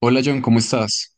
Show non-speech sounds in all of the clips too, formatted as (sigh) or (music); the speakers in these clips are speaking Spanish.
Hola John, ¿cómo estás?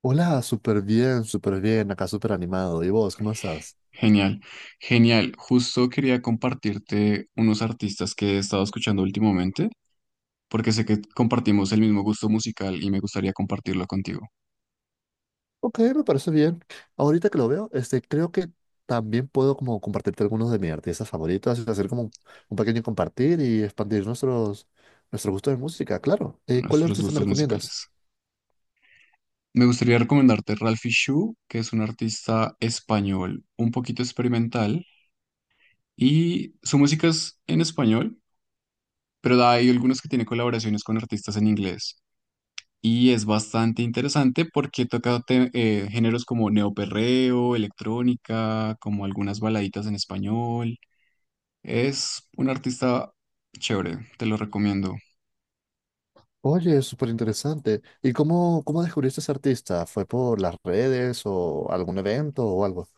Hola, súper bien, acá súper animado. ¿Y vos, cómo estás? Genial, genial. Justo quería compartirte unos artistas que he estado escuchando últimamente, porque sé que compartimos el mismo gusto musical y me gustaría compartirlo contigo, Ok, me parece bien. Ahorita que lo veo, creo que también puedo como compartirte algunos de mis artistas favoritos, y hacer como un pequeño compartir y expandir nuestro gusto de música, claro. ¿Cuál nuestros artista me gustos recomiendas? musicales. Me gustaría recomendarte Ralphie Shu, que es un artista español un poquito experimental y su música es en español, pero hay algunos que tiene colaboraciones con artistas en inglés. Y es bastante interesante porque toca géneros como neoperreo, electrónica, como algunas baladitas en español. Es un artista chévere, te lo recomiendo. Oye, súper interesante. ¿Y cómo descubriste ese artista? ¿Fue por las redes o algún evento o algo?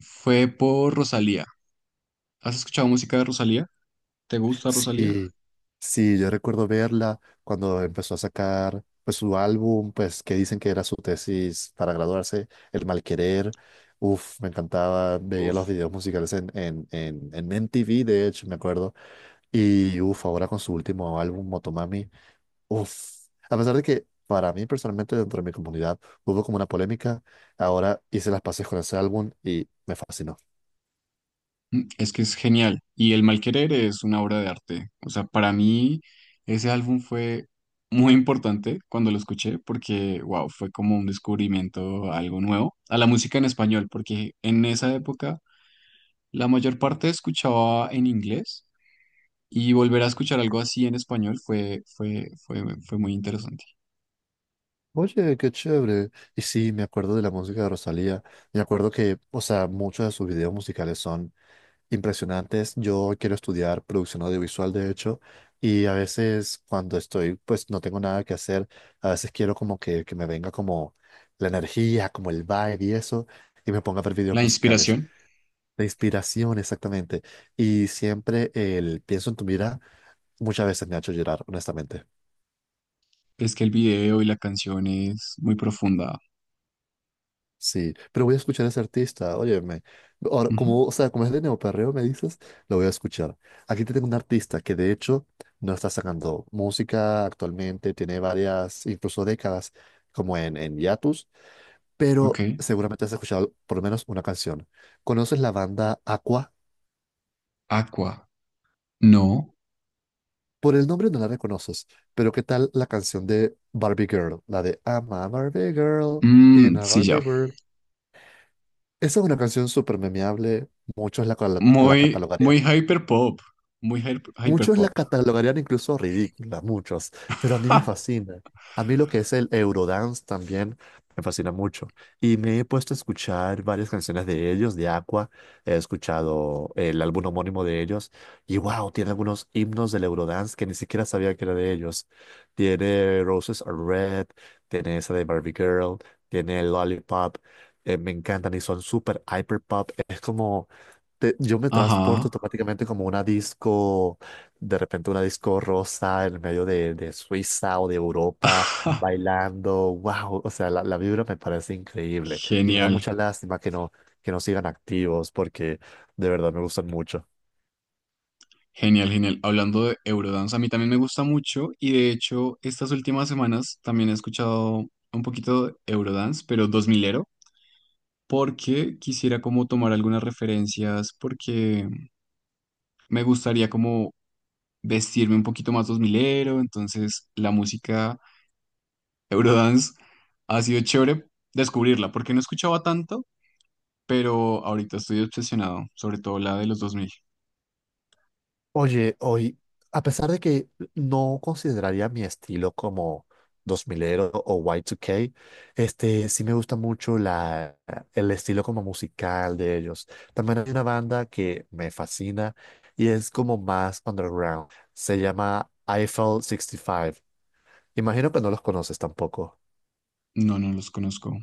Fue por Rosalía. ¿Has escuchado música de Rosalía? ¿Te gusta Rosalía? Sí, sí, yo recuerdo verla cuando empezó a sacar pues su álbum, pues que dicen que era su tesis para graduarse, El Malquerer. Uf, me encantaba, veía los Uf. videos musicales en MTV, de hecho, me acuerdo. Y uf, ahora con su último álbum, Motomami, uf, a pesar de que para mí personalmente dentro de mi comunidad hubo como una polémica, ahora hice las paces con ese álbum y me fascinó. Mm, es que es genial. Y El Mal Querer es una obra de arte. O sea, para mí ese álbum fue muy importante cuando lo escuché porque, wow, fue como un descubrimiento, algo nuevo a la música en español, porque en esa época la mayor parte escuchaba en inglés y volver a escuchar algo así en español fue muy interesante. Oye, qué chévere. Y sí, me acuerdo de la música de Rosalía. Me acuerdo que, o sea, muchos de sus videos musicales son impresionantes. Yo quiero estudiar producción audiovisual, de hecho, y a veces cuando estoy, pues no tengo nada que hacer, a veces quiero como que me venga como la energía, como el vibe y eso, y me ponga a ver videos La musicales. inspiración La inspiración, exactamente. Y siempre el pienso en tu mirada, muchas veces me ha hecho llorar, honestamente. es que el video y la canción es muy profunda. Sí, pero voy a escuchar a ese artista, óyeme. Ahora, Ujú. como, o sea, como es de neoperreo, me dices, lo voy a escuchar. Aquí te tengo un artista que de hecho no está sacando música actualmente, tiene varias, incluso décadas, como en hiatus, Ok. pero seguramente has escuchado por lo menos una canción. ¿Conoces la banda Aqua? Aqua. No. Por el nombre no la reconoces, pero ¿qué tal la canción de Barbie Girl? La de I'm a Barbie Girl in Mm, a sí, Barbie ya. World. Esa es una canción súper memeable, muchos la Muy, muy catalogarían. hyperpop. Muy Muchos la hyperpop. catalogarían incluso ridícula, muchos, pero a mí me (laughs) fascina. A mí lo que es el Eurodance también me fascina mucho. Y me he puesto a escuchar varias canciones de ellos, de Aqua. He escuchado el álbum homónimo de ellos. Y wow, tiene algunos himnos del Eurodance que ni siquiera sabía que era de ellos. Tiene Roses Are Red, tiene esa de Barbie Girl, tiene Lollipop. Me encantan y son súper hyper pop. Es como yo me transporto Ajá. automáticamente como una disco, de repente una disco rosa en medio de Suiza o de Europa, (laughs) bailando, wow, o sea, la vibra me parece increíble y me da Genial, mucha lástima que no sigan activos porque de verdad me gustan mucho. genial, genial. Hablando de Eurodance, a mí también me gusta mucho y de hecho estas últimas semanas también he escuchado un poquito de Eurodance, pero dos milero porque quisiera como tomar algunas referencias, porque me gustaría como vestirme un poquito más dos milero, entonces la música Eurodance ha sido chévere descubrirla, porque no escuchaba tanto, pero ahorita estoy obsesionado, sobre todo la de los dos mil. Oye, hoy, a pesar de que no consideraría mi estilo como dos milero o Y2K, sí me gusta mucho el estilo como musical de ellos. También hay una banda que me fascina y es como más underground. Se llama Eiffel 65. Imagino que no los conoces tampoco. No, no los conozco.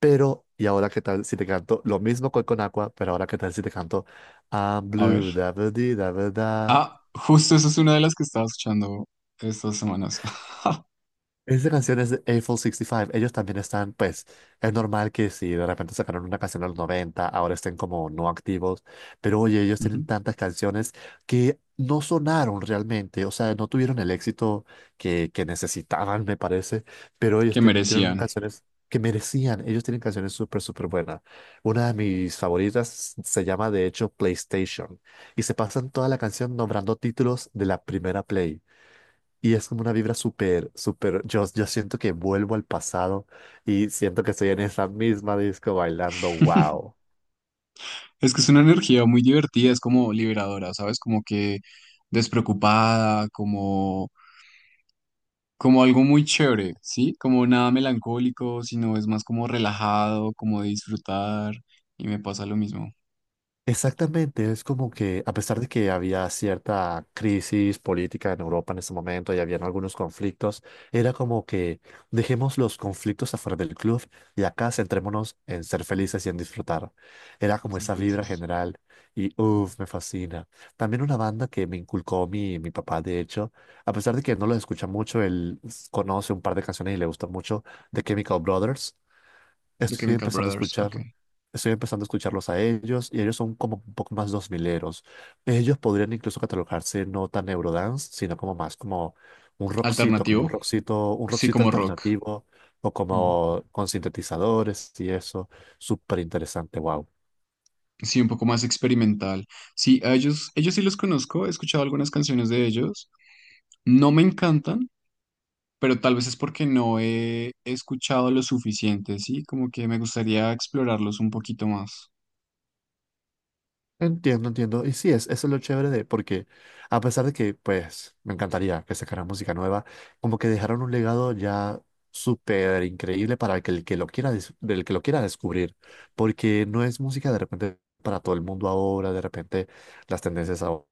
Pero, ¿y ahora qué tal si te canto lo mismo que con Aqua, pero ahora qué tal si te canto I'm A ver. blue, da ba dee, da ba da? Ah, justo esa es una de las que estaba escuchando estas semanas. (laughs) Esta canción es de Eiffel 65. Ellos también están, pues, es normal que si de repente sacaron una canción en los 90, ahora estén como no activos. Pero oye, ellos Ujú. tienen tantas canciones que no sonaron realmente. O sea, no tuvieron el éxito que necesitaban, me parece. Pero ellos Que tienen merecían. canciones que merecían. Ellos tienen canciones súper, súper buenas. Una de mis favoritas se llama, de hecho, PlayStation. Y se pasan toda la canción nombrando títulos de la primera Play. Y es como una vibra súper, súper, yo siento que vuelvo al pasado y siento que estoy en esa misma disco bailando, wow. (laughs) Es que es una energía muy divertida, es como liberadora, ¿sabes? Como que despreocupada, como, como algo muy chévere, ¿sí? Como nada melancólico, sino es más como relajado, como de disfrutar. Y me pasa lo mismo. Exactamente, es como que a pesar de que había cierta crisis política en Europa en ese momento y habían algunos conflictos, era como que dejemos los conflictos afuera del club y acá centrémonos en ser felices y en disfrutar. Era De como ser esa vibra felices. general y uff, me fascina. También una banda que me inculcó mi papá, de hecho, a pesar de que no lo escucha mucho, conoce un par de canciones y le gusta mucho, The Chemical Brothers. The Estoy Chemical empezando a Brothers, escuchar, ok. estoy empezando a escucharlos a ellos y ellos son como un poco más dos mileros. Ellos podrían incluso catalogarse no tan eurodance, sino como más como Alternativo, un sí, rockcito como rock. alternativo o Mm. como con sintetizadores y eso. Súper interesante, wow. Sí, un poco más experimental. Sí, a ellos, ellos sí los conozco, he escuchado algunas canciones de ellos. No me encantan, pero tal vez es porque no he escuchado lo suficiente, sí, como que me gustaría explorarlos un poquito más. Entiendo, entiendo. Y sí, es, eso es lo chévere porque a pesar de que, pues, me encantaría que sacaran música nueva, como que dejaron un legado ya súper increíble para que el que lo quiera, dis- del que lo quiera descubrir, porque no es música de repente para todo el mundo ahora, de repente las tendencias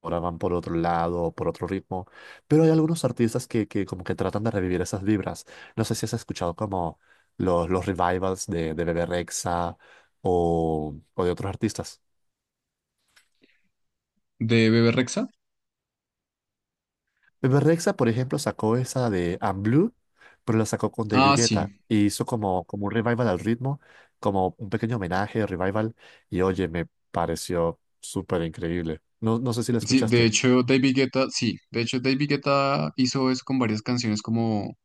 ahora van por otro lado o por otro ritmo, pero hay algunos artistas que como que tratan de revivir esas vibras. No sé si has escuchado como los revivals de Bebe Rexha o de otros artistas. ¿De Bebe Rexha? Rexa, por ejemplo, sacó esa de I'm Blue, pero la sacó con David Ah, Guetta sí. y hizo como, como un revival al ritmo, como un pequeño homenaje, revival, y oye, me pareció súper increíble. No, no sé si la Sí, de escuchaste. hecho, David Guetta, sí, de hecho, David Guetta hizo eso con varias canciones como,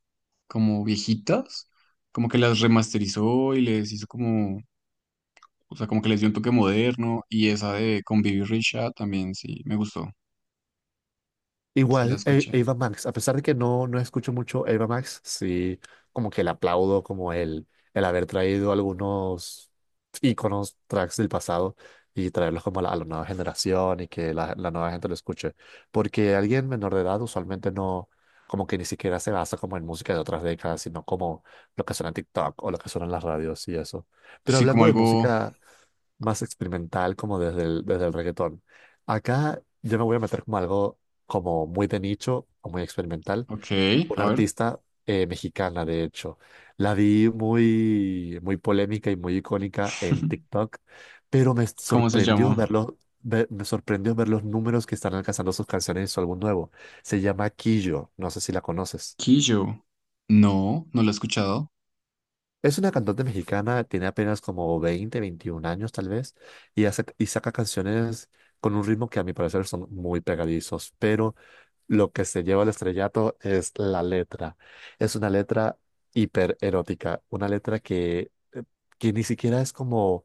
como viejitas, como que las remasterizó y les hizo como... O sea, como que les dio un toque moderno y esa de con Bibi Richa también sí me gustó. Sí la Igual, escuché. Ava Max, a pesar de que no, no escucho mucho Ava Max, sí, como que le aplaudo como el haber traído algunos íconos, tracks del pasado y traerlos como a a la nueva generación y que la nueva gente lo escuche. Porque alguien menor de edad usualmente no, como que ni siquiera se basa como en música de otras décadas, sino como lo que suena en TikTok o lo que suena en las radios y eso. Pero Sí, como hablando de algo. música más experimental, como desde desde el reggaetón, acá yo me voy a meter como algo como muy de nicho o muy experimental. Ok, Una a ver. artista mexicana, de hecho. La vi muy, muy polémica y muy icónica en (laughs) TikTok, pero me ¿Cómo se sorprendió llama? verlo. Me sorprendió ver los números que están alcanzando sus canciones en su álbum nuevo. Se llama Quillo, no sé si la conoces. Quillo. No, no lo he escuchado. Es una cantante mexicana, tiene apenas como 20, 21 años tal vez, y saca canciones con un ritmo que a mi parecer son muy pegadizos, pero lo que se lleva al estrellato es la letra. Es una letra hipererótica, una letra que ni siquiera es como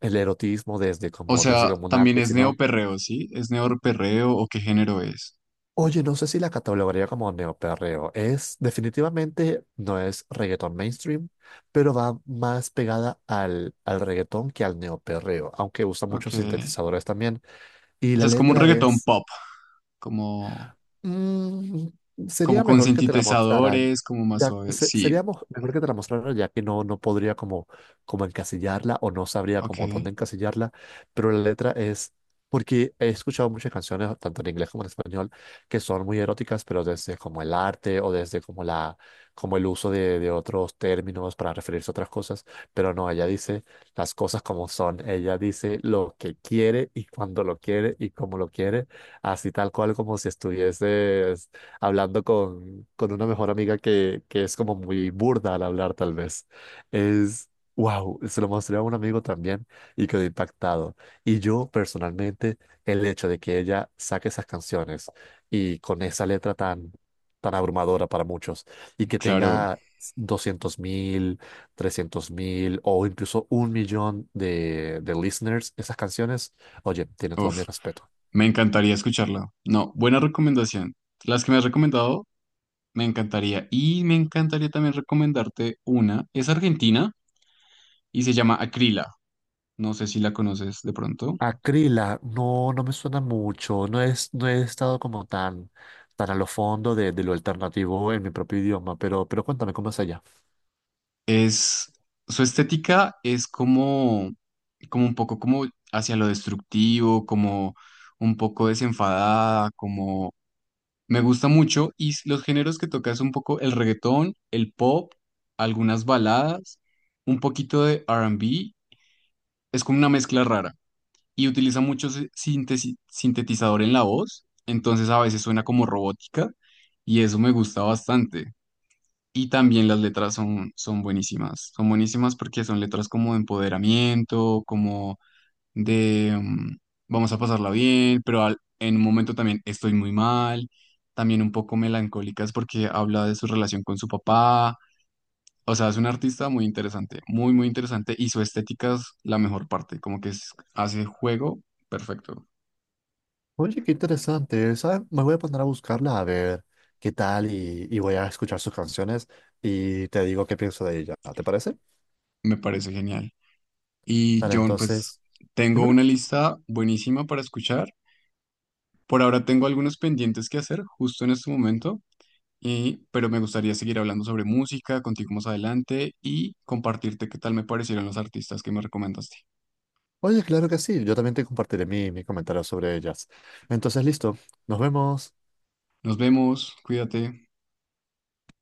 el erotismo O desde sea, como un también arte, es sino, neoperreo, ¿sí? ¿Es neoperreo o qué género es? oye, no sé si la catalogaría como neoperreo. Definitivamente, no es reggaetón mainstream, pero va más pegada al reggaetón que al neoperreo, aunque usa Ok. muchos sintetizadores también. Y O la sea, es como un letra reggaetón es, pop, como, mm, como sería con mejor que te la mostrara. sintetizadores, como más Ya, suave. se- Sí, sería mo- mejor que te la mostrara ya que no podría como, encasillarla o no sabría ok. como dónde encasillarla, pero la letra es, porque he escuchado muchas canciones, tanto en inglés como en español, que son muy eróticas, pero desde como el arte o desde como como el uso de otros términos para referirse a otras cosas, pero no, ella dice las cosas como son, ella dice lo que quiere y cuando lo quiere y cómo lo quiere así tal cual como si estuvieses hablando con una mejor amiga que es como muy burda al hablar tal vez. Es, wow, se lo mostré a un amigo también y quedó impactado. Y yo personalmente, el hecho de que ella saque esas canciones y con esa letra tan, tan abrumadora para muchos y que Claro. tenga 200.000, 300.000 o incluso un millón de listeners, esas canciones, oye, tiene todo mi Uf, respeto. me encantaría escucharla. No, buena recomendación. Las que me has recomendado... Me encantaría. Y me encantaría también recomendarte una. Es argentina y se llama Acrila. No sé si la conoces de pronto. Acrila, no, no me suena mucho. No es, no he estado como tan, tan a lo fondo de lo alternativo en mi propio idioma, pero, cuéntame cómo es allá. Es, su estética es como, como un poco como hacia lo destructivo, como un poco desenfadada. Me gusta mucho y los géneros que toca es un poco el reggaetón, el pop, algunas baladas, un poquito de R&B, es como una mezcla rara y utiliza mucho sintetizador en la voz, entonces a veces suena como robótica y eso me gusta bastante. Y también las letras son, son buenísimas porque son letras como de empoderamiento, de vamos a pasarla bien, pero en un momento también estoy muy mal, también un poco melancólicas porque habla de su relación con su papá. O sea, es un artista muy interesante, muy, muy interesante y su estética es la mejor parte, como que hace juego perfecto, Oye, qué interesante. ¿Sabes? Me voy a poner a buscarla a ver qué tal y voy a escuchar sus canciones y te digo qué pienso de ella. ¿Te parece? me parece genial. Y Dale, John, pues entonces, tengo dímelo. una lista buenísima para escuchar. Por ahora tengo algunos pendientes que hacer justo en este momento. Y, pero me gustaría seguir hablando sobre música contigo más adelante y compartirte qué tal me parecieron los artistas que me recomendaste. Oye, claro que sí. Yo también te compartiré mi comentario sobre ellas. Entonces, listo. Nos vemos. Nos vemos, cuídate.